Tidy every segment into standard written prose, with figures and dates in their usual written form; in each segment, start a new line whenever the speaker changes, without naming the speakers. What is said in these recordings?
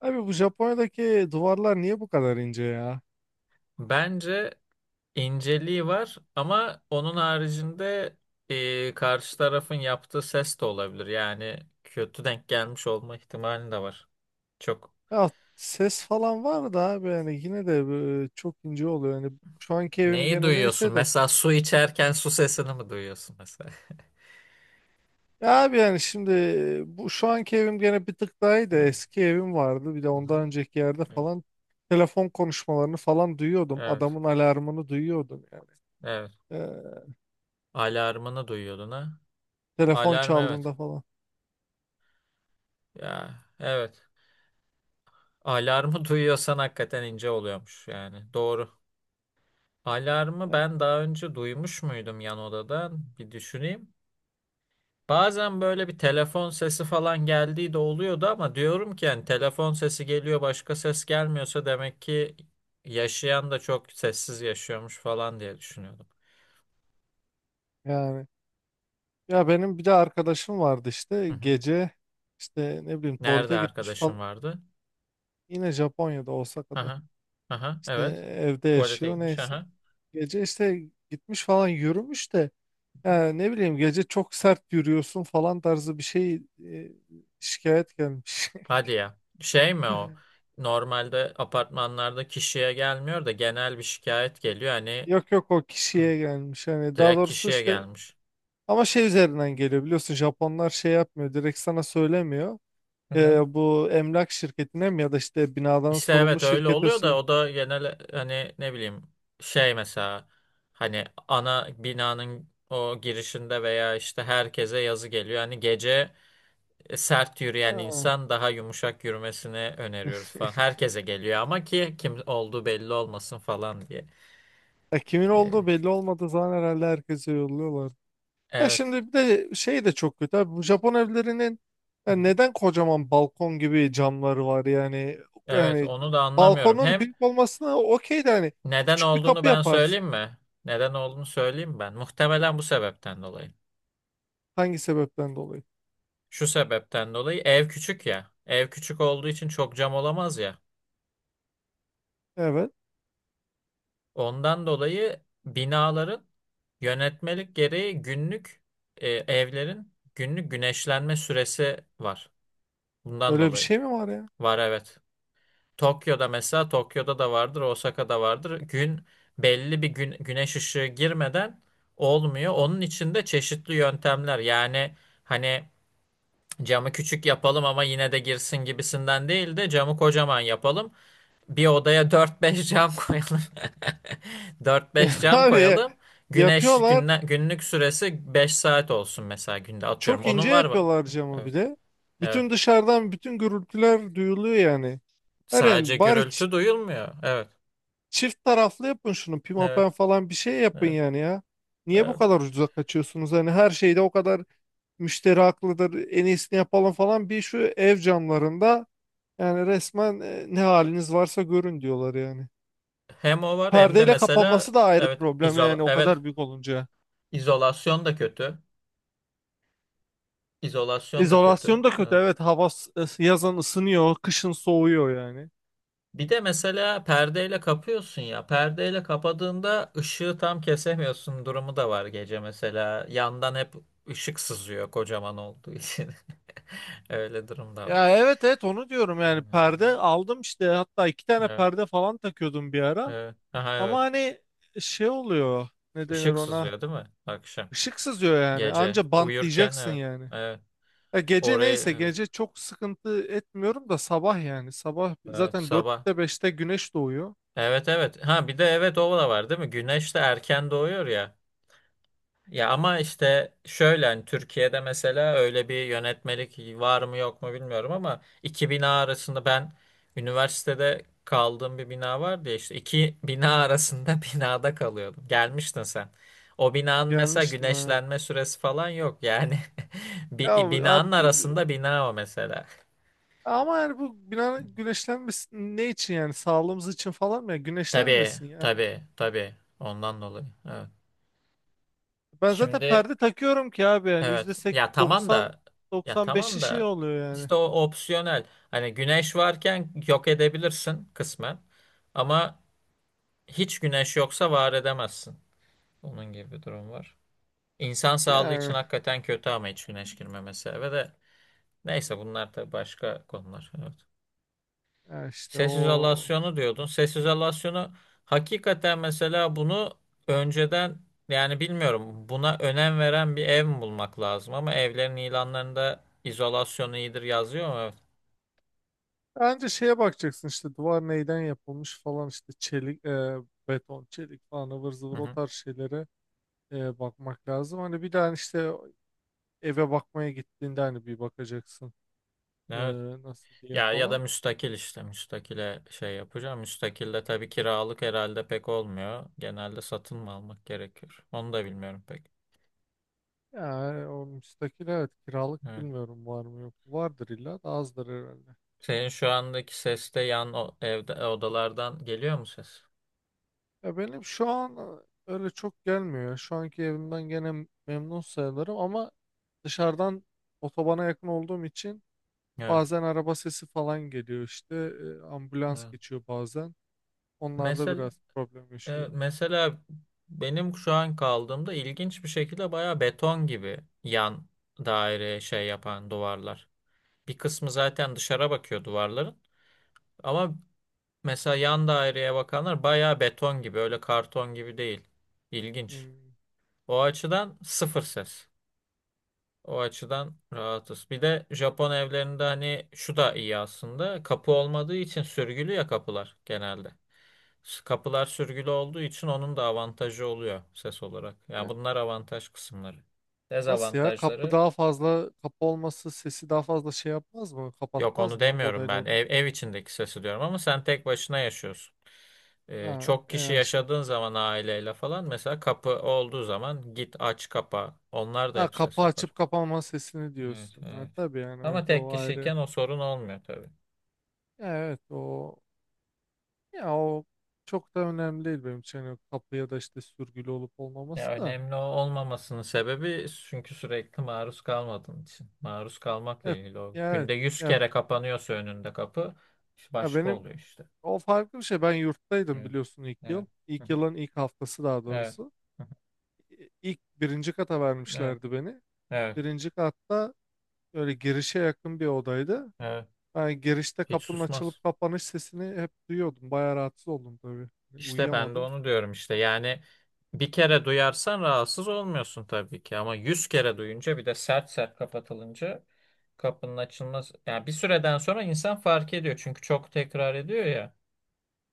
Abi bu Japonya'daki duvarlar niye bu kadar ince ya?
Bence inceliği var ama onun haricinde karşı tarafın yaptığı ses de olabilir. Yani kötü denk gelmiş olma ihtimali de var. Çok
Ya ses falan var da abi yani yine de çok ince oluyor. Yani şu anki evim
neyi
gene
duyuyorsun?
neyse de.
Mesela su içerken su sesini mi duyuyorsun mesela?
Ya abi yani şimdi bu şu anki evim gene bir tık daha iyi de
Evet.
eski evim vardı. Bir de
Hı hı.
ondan önceki yerde falan telefon konuşmalarını falan duyuyordum.
Evet.
Adamın alarmını duyuyordum yani.
Evet.
Ee,
Alarmını duyuyordun ha?
telefon
Alarm evet.
çaldığında falan
Ya evet. Alarmı duyuyorsan hakikaten ince oluyormuş yani. Doğru. Alarmı ben daha önce duymuş muydum yan odadan? Bir düşüneyim. Bazen böyle bir telefon sesi falan geldiği de oluyordu ama diyorum ki yani telefon sesi geliyor başka ses gelmiyorsa demek ki yaşayan da çok sessiz yaşıyormuş falan diye düşünüyordum.
yani. Ya benim bir de arkadaşım vardı
Hı
işte
hı.
gece işte ne bileyim
Nerede
tuvalete gitmiş
arkadaşım
falan.
vardı?
Yine Japonya'da Osaka'da.
Aha. Aha,
İşte
evet.
evde
Tuvalete
yaşıyor
gitmiş.
neyse.
Aha.
Gece işte gitmiş falan yürümüş de ya ne bileyim gece çok sert yürüyorsun falan tarzı bir şey şikayet gelmiş.
Hadi ya. Şey mi o? Normalde apartmanlarda kişiye gelmiyor da genel bir şikayet geliyor. Hani
Yok yok o
eh,
kişiye gelmiş hani daha
direkt
doğrusu
kişiye
işte
gelmiş.
ama şey üzerinden geliyor biliyorsun Japonlar şey yapmıyor direkt sana söylemiyor. E, bu emlak şirketine mi ya da işte binadan
İşte
sorumlu
evet öyle
şirkete
oluyor da o da genel hani ne bileyim şey mesela hani ana binanın o girişinde veya işte herkese yazı geliyor. Hani gece sert yürüyen
Ha.
insan daha yumuşak yürümesini öneriyoruz falan. Herkese geliyor ama ki kim olduğu belli olmasın falan diye.
Ya kimin olduğu
Ee,
belli olmadığı zaman herhalde herkese yolluyorlar. Ya
evet.
şimdi bir de şey de çok kötü abi. Bu Japon evlerinin
Hı
ya
hı.
neden kocaman balkon gibi camları var yani?
Evet
Yani
onu da anlamıyorum.
balkonun
Hem
büyük olmasına okey de hani
neden
küçük bir
olduğunu
kapı
ben
yaparsın.
söyleyeyim mi? Neden olduğunu söyleyeyim ben. Muhtemelen bu sebepten dolayı.
Hangi sebepten dolayı?
Şu sebepten dolayı ev küçük ya. Ev küçük olduğu için çok cam olamaz ya.
Evet.
Ondan dolayı binaların yönetmelik gereği günlük evlerin günlük güneşlenme süresi var. Bundan
Öyle bir
dolayı.
şey mi var ya?
Var evet. Tokyo'da mesela Tokyo'da da vardır, Osaka'da vardır. Gün belli bir gün, güneş ışığı girmeden olmuyor. Onun için de çeşitli yöntemler. Yani hani camı küçük yapalım ama yine de girsin gibisinden değil de camı kocaman yapalım. Bir odaya dört beş cam koyalım. Dört beş cam
Abi
koyalım. Güneş
yapıyorlar.
günlük süresi 5 saat olsun mesela günde atıyorum.
Çok ince
Onun var mı?
yapıyorlar camı
Evet.
bile.
Evet.
Bütün dışarıdan bütün gürültüler duyuluyor yani. Her
Sadece
yani bari
gürültü duyulmuyor. Evet.
çift taraflı yapın şunu.
Evet.
Pimapen falan bir şey yapın
Evet.
yani ya. Niye bu
Evet.
kadar ucuza kaçıyorsunuz? Hani her şeyde o kadar müşteri haklıdır. En iyisini yapalım falan. Bir şu ev camlarında yani resmen ne haliniz varsa görün diyorlar yani.
Hem o var hem de
Perdeyle
mesela
kapanması da ayrı
evet
problem yani o
evet
kadar büyük olunca.
izolasyon da kötü. İzolasyon da kötü.
İzolasyon da kötü.
Evet.
Evet yazın ısınıyor, kışın soğuyor yani.
Bir de mesela perdeyle kapıyorsun ya. Perdeyle kapadığında ışığı tam kesemiyorsun durumu da var gece mesela. Yandan hep ışık sızıyor kocaman olduğu için. Öyle durum da var.
Ya evet evet onu diyorum yani perde aldım işte hatta iki tane
Evet,
perde falan takıyordum bir ara.
evet. Aha,
Ama
evet.
hani şey oluyor. Ne denir
Işık
ona?
sızıyor değil mi? Akşam.
Işık sızıyor yani.
Gece.
Anca
Uyurken
bantlayacaksın
evet.
yani.
Evet.
Ya gece
Orayı
neyse
evet.
gece çok sıkıntı etmiyorum da sabah yani. Sabah
Evet,
zaten
sabah.
dörtte beşte güneş doğuyor.
Evet evet. Ha bir de evet o da var değil mi? Güneş de erken doğuyor ya. Ya ama işte şöyle hani Türkiye'de mesela öyle bir yönetmelik var mı yok mu bilmiyorum ama iki bina arasında ben üniversitede kaldığım bir bina vardı ya işte iki bina arasında binada kalıyordum. Gelmiştin sen. O binanın mesela
Gelmiştim ha.
güneşlenme süresi falan yok yani.
Ya
Bir binanın
abi
arasında bina o mesela.
ama yani bu bina güneşlenmesin ne için yani sağlığımız için falan mı ya
Tabii
güneşlenmesin ya.
tabii tabii ondan dolayı. Evet.
Ben zaten
Şimdi.
perde takıyorum ki abi yani yüzde
Evet.
seksen
Ya tamam
doksan
da ya
95'i
tamam
şey
da
oluyor yani.
işte o opsiyonel. Hani güneş varken yok edebilirsin kısmen. Ama hiç güneş yoksa var edemezsin. Onun gibi bir durum var. İnsan sağlığı için
Yani,
hakikaten kötü ama hiç güneş girmemesi eve de. Neyse bunlar da başka konular. Evet.
yani, işte
Ses
o
izolasyonu diyordun. Ses izolasyonu hakikaten mesela bunu önceden yani bilmiyorum buna önem veren bir ev mi bulmak lazım ama evlerin ilanlarında izolasyon iyidir yazıyor mu? Evet.
bence şeye bakacaksın işte duvar neyden yapılmış falan işte çelik, beton, çelik falan ıvır
Hı
zıvır o
hı.
tarz şeylere bakmak lazım. Hani bir daha işte eve bakmaya gittiğinde hani bir bakacaksın e,
Evet.
nasıl diye
Ya ya da
falan.
müstakil işte müstakile şey yapacağım. Müstakilde tabii kiralık herhalde pek olmuyor. Genelde satın mı almak gerekiyor? Onu da bilmiyorum pek.
Yani o müstakil evet kiralık
Evet.
bilmiyorum var mı yok mu? Vardır illa da azdır herhalde.
Senin şu andaki ses de evde odalardan geliyor mu ses?
Ya benim şu an öyle çok gelmiyor ya. Şu anki evimden gene memnun sayılırım ama dışarıdan otobana yakın olduğum için
Evet.
bazen araba sesi falan geliyor işte. Ambulans
Evet.
geçiyor bazen. Onlarda
Mesela
biraz problem
Evet,
yaşıyorum.
mesela benim şu an kaldığımda ilginç bir şekilde bayağı beton gibi yan daire şey yapan duvarlar. Bir kısmı zaten dışarı bakıyor duvarların ama mesela yan daireye bakanlar bayağı beton gibi öyle karton gibi değil. İlginç.
Hmm.
O açıdan sıfır ses. O açıdan rahatız. Bir de Japon evlerinde hani şu da iyi aslında. Kapı olmadığı için sürgülü ya kapılar genelde. Kapılar sürgülü olduğu için onun da avantajı oluyor ses olarak. Yani
Ya,
bunlar avantaj kısımları.
nasıl ya? Kapı
Dezavantajları
daha fazla, kapı olması sesi daha fazla şey yapmaz mı?
yok
Kapatmaz
onu
mı?
demiyorum
Odayla
ben.
od
Ev içindeki sesi diyorum ama sen tek başına yaşıyorsun. Ee,
Ha,
çok kişi
yani şey.
yaşadığın zaman aileyle falan mesela kapı olduğu zaman git aç kapa. Onlar da
Ha,
hep ses
kapı
yapar.
açıp kapanma sesini
Evet,
diyorsun. Ha,
evet.
tabii yani
Ama
evet
tek
o ayrı.
kişiyken o sorun olmuyor tabii.
Ya, evet o ya o çok da önemli değil benim için. Yani kapı ya da işte sürgülü olup
Ya
olmaması da.
önemli olmamasının sebebi çünkü sürekli maruz kalmadığın için. Maruz kalmakla
Evet.
ilgili o.
Ya, evet.
Günde yüz
Ya
kere kapanıyorsa önünde kapı işte
Ya
başka
benim
oluyor işte.
o farklı bir şey. Ben yurttaydım
Evet.
biliyorsun ilk
Evet.
yıl.
Hı
İlk
hı.
yılın ilk haftası daha
Evet.
doğrusu.
Hı hı.
İlk birinci kata
Evet.
vermişlerdi beni.
Evet.
Birinci katta böyle girişe yakın bir odaydı.
Evet.
Ben girişte
Hiç
kapının
susmaz.
açılıp kapanış sesini hep duyuyordum. Bayağı rahatsız oldum tabii. Hani
İşte ben de
uyuyamadım.
onu diyorum işte. Yani bir kere duyarsan rahatsız olmuyorsun tabii ki ama 100 kere duyunca bir de sert sert kapatılınca kapının açılmaz. Yani bir süreden sonra insan fark ediyor çünkü çok tekrar ediyor ya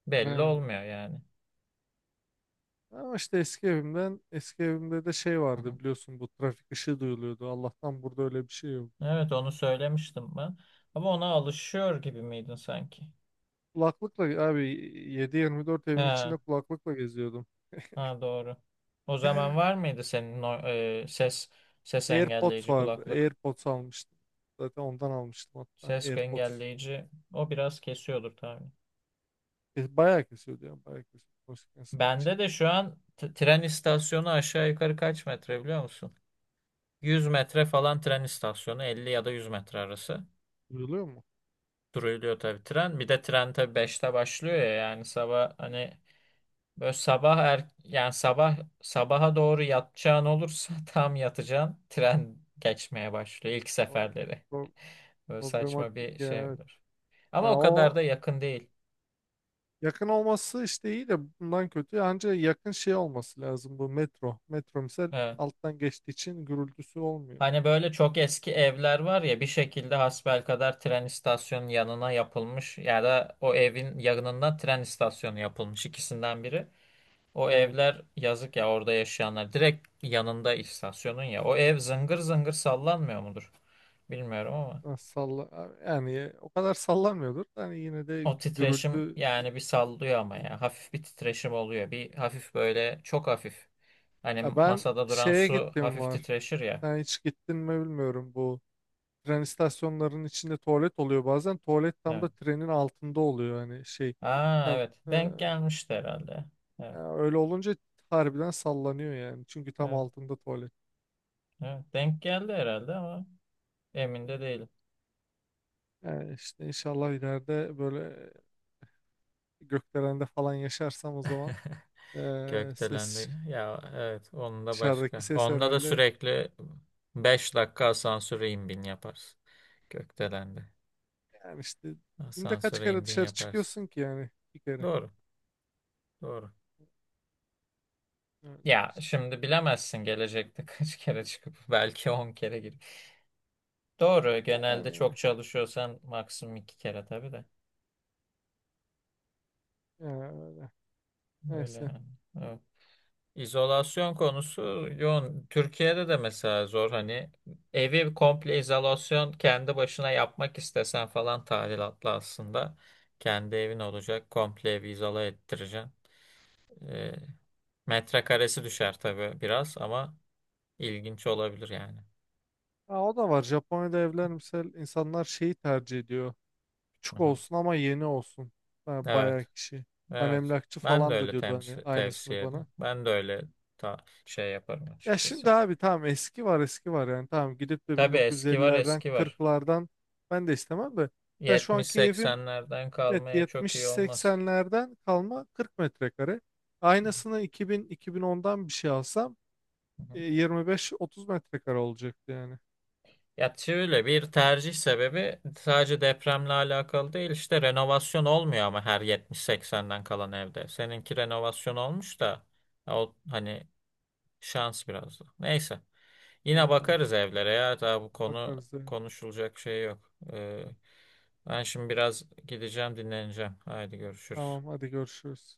belli
Ne-
olmuyor yani.
Ama işte eski evimden, eski evimde de şey
Hı hı.
vardı biliyorsun bu trafik ışığı duyuluyordu. Allah'tan burada öyle bir şey yok.
Evet onu söylemiştim ben. Ama ona alışıyor gibi miydin sanki?
Kulaklıkla abi 7 dört evin
He,
içinde kulaklıkla geziyordum.
ha doğru. O zaman var mıydı senin o, ses
AirPods
engelleyici
vardı.
kulaklık?
AirPods almıştım. Zaten ondan almıştım hatta.
Ses
AirPods.
engelleyici o biraz kesiyordur tabii.
E, bayağı kesiyordu ya. Bayağı kesiyordu. Konuşurken sıkıntı şey
Bende de şu an tren istasyonu aşağı yukarı kaç metre biliyor musun? 100 metre falan tren istasyonu 50 ya da 100 metre arası.
duyuluyor mu?
Duruluyor tabii tren. Bir de tren tabii 5'te başlıyor ya yani sabah hani böyle sabah yani sabah sabaha doğru yatacağın olursa tam yatacağın tren geçmeye başlıyor ilk
O-
seferleri.
pro-
Böyle saçma
Problematik
bir
ya.
şey
Evet.
olur. Ama
Ya
o kadar
o
da yakın değil.
yakın olması işte iyi de bundan kötü. Ancak yakın şey olması lazım bu metro. Metro misal
Evet.
alttan geçtiği için gürültüsü olmuyor.
Hani böyle çok eski evler var ya bir şekilde hasbelkader tren istasyonunun yanına yapılmış ya da o evin yanından tren istasyonu yapılmış ikisinden biri. O
Evet.
evler yazık ya orada yaşayanlar direkt yanında istasyonun ya o ev zıngır zıngır sallanmıyor mudur? Bilmiyorum ama
Ha, Salla yani o kadar sallamıyordur. Yani yine de
o titreşim
gürültü.
yani bir sallıyor ama ya hafif bir titreşim oluyor bir hafif böyle çok hafif. Hani
Ya ben
masada duran
şeye
su
gittim
hafif
var.
titreşir ya.
Sen hiç gittin mi bilmiyorum bu. Tren istasyonlarının içinde tuvalet oluyor bazen. Tuvalet tam
Evet.
da trenin altında oluyor yani şey.
Aa
Sen,
evet
e,
denk gelmişti herhalde. Evet.
ya öyle olunca harbiden sallanıyor yani. Çünkü tam
Evet.
altında tuvalet.
Evet, denk geldi herhalde ama emin de değilim.
Yani işte inşallah ileride böyle gökdelende falan yaşarsam o zaman ses
Gökdelendi. Ya evet onun da
dışarıdaki
başka.
ses
Onda da
herhalde
sürekli 5 dakika asansöre in bin yaparsın. Gökdelendi.
yani işte günde kaç
Asansöre in
kere
bin
dışarı
yaparsın.
çıkıyorsun ki yani bir kere.
Doğru. Doğru.
Öyle
Ya
işte.
şimdi bilemezsin gelecekte kaç kere çıkıp belki 10 kere girip. Doğru genelde çok
Yani,
çalışıyorsan maksimum 2 kere tabii de.
yani, öyle.
Öyle
Neyse.
yani. İzolasyon konusu yoğun. Türkiye'de de mesela zor hani evi komple izolasyon kendi başına yapmak istesen falan tadilatlı aslında. Kendi evin olacak komple evi izole ettireceksin. Ee, metrekaresi düşer tabii biraz ama ilginç olabilir yani.
Ha, o da var. Japonya'da evler mesela insanlar şeyi tercih ediyor. Küçük
Hı-hı.
olsun ama yeni olsun. Ha, bayağı
Evet.
kişi. Ben
Evet.
emlakçı
Ben de
falan
öyle
da diyordu hani aynısını
tavsiye
bana.
ederim. Ben de öyle ta şey yaparım
Ya
açıkçası.
şimdi abi tamam eski var eski var yani tamam gidip de
Tabii eski var
1950'lerden
eski var.
40'lardan ben de istemem de. Mesela şu anki evim
70-80'lerden
evet
kalmaya çok iyi olmaz.
70-80'lerden kalma 40 metrekare. Aynısını 2000-2010'dan bir şey alsam
Hı hı.
e, 25-30 metrekare olacaktı yani.
Ya şöyle bir tercih sebebi sadece depremle alakalı değil işte renovasyon olmuyor ama her 70 seksenden kalan evde. Seninki renovasyon olmuş da ya o hani şans biraz da. Neyse yine
Ee,
bakarız evlere ya daha bu konu
bakarız yani.
konuşulacak şey yok. Ben şimdi biraz gideceğim dinleneceğim. Haydi görüşürüz.
Tamam hadi görüşürüz.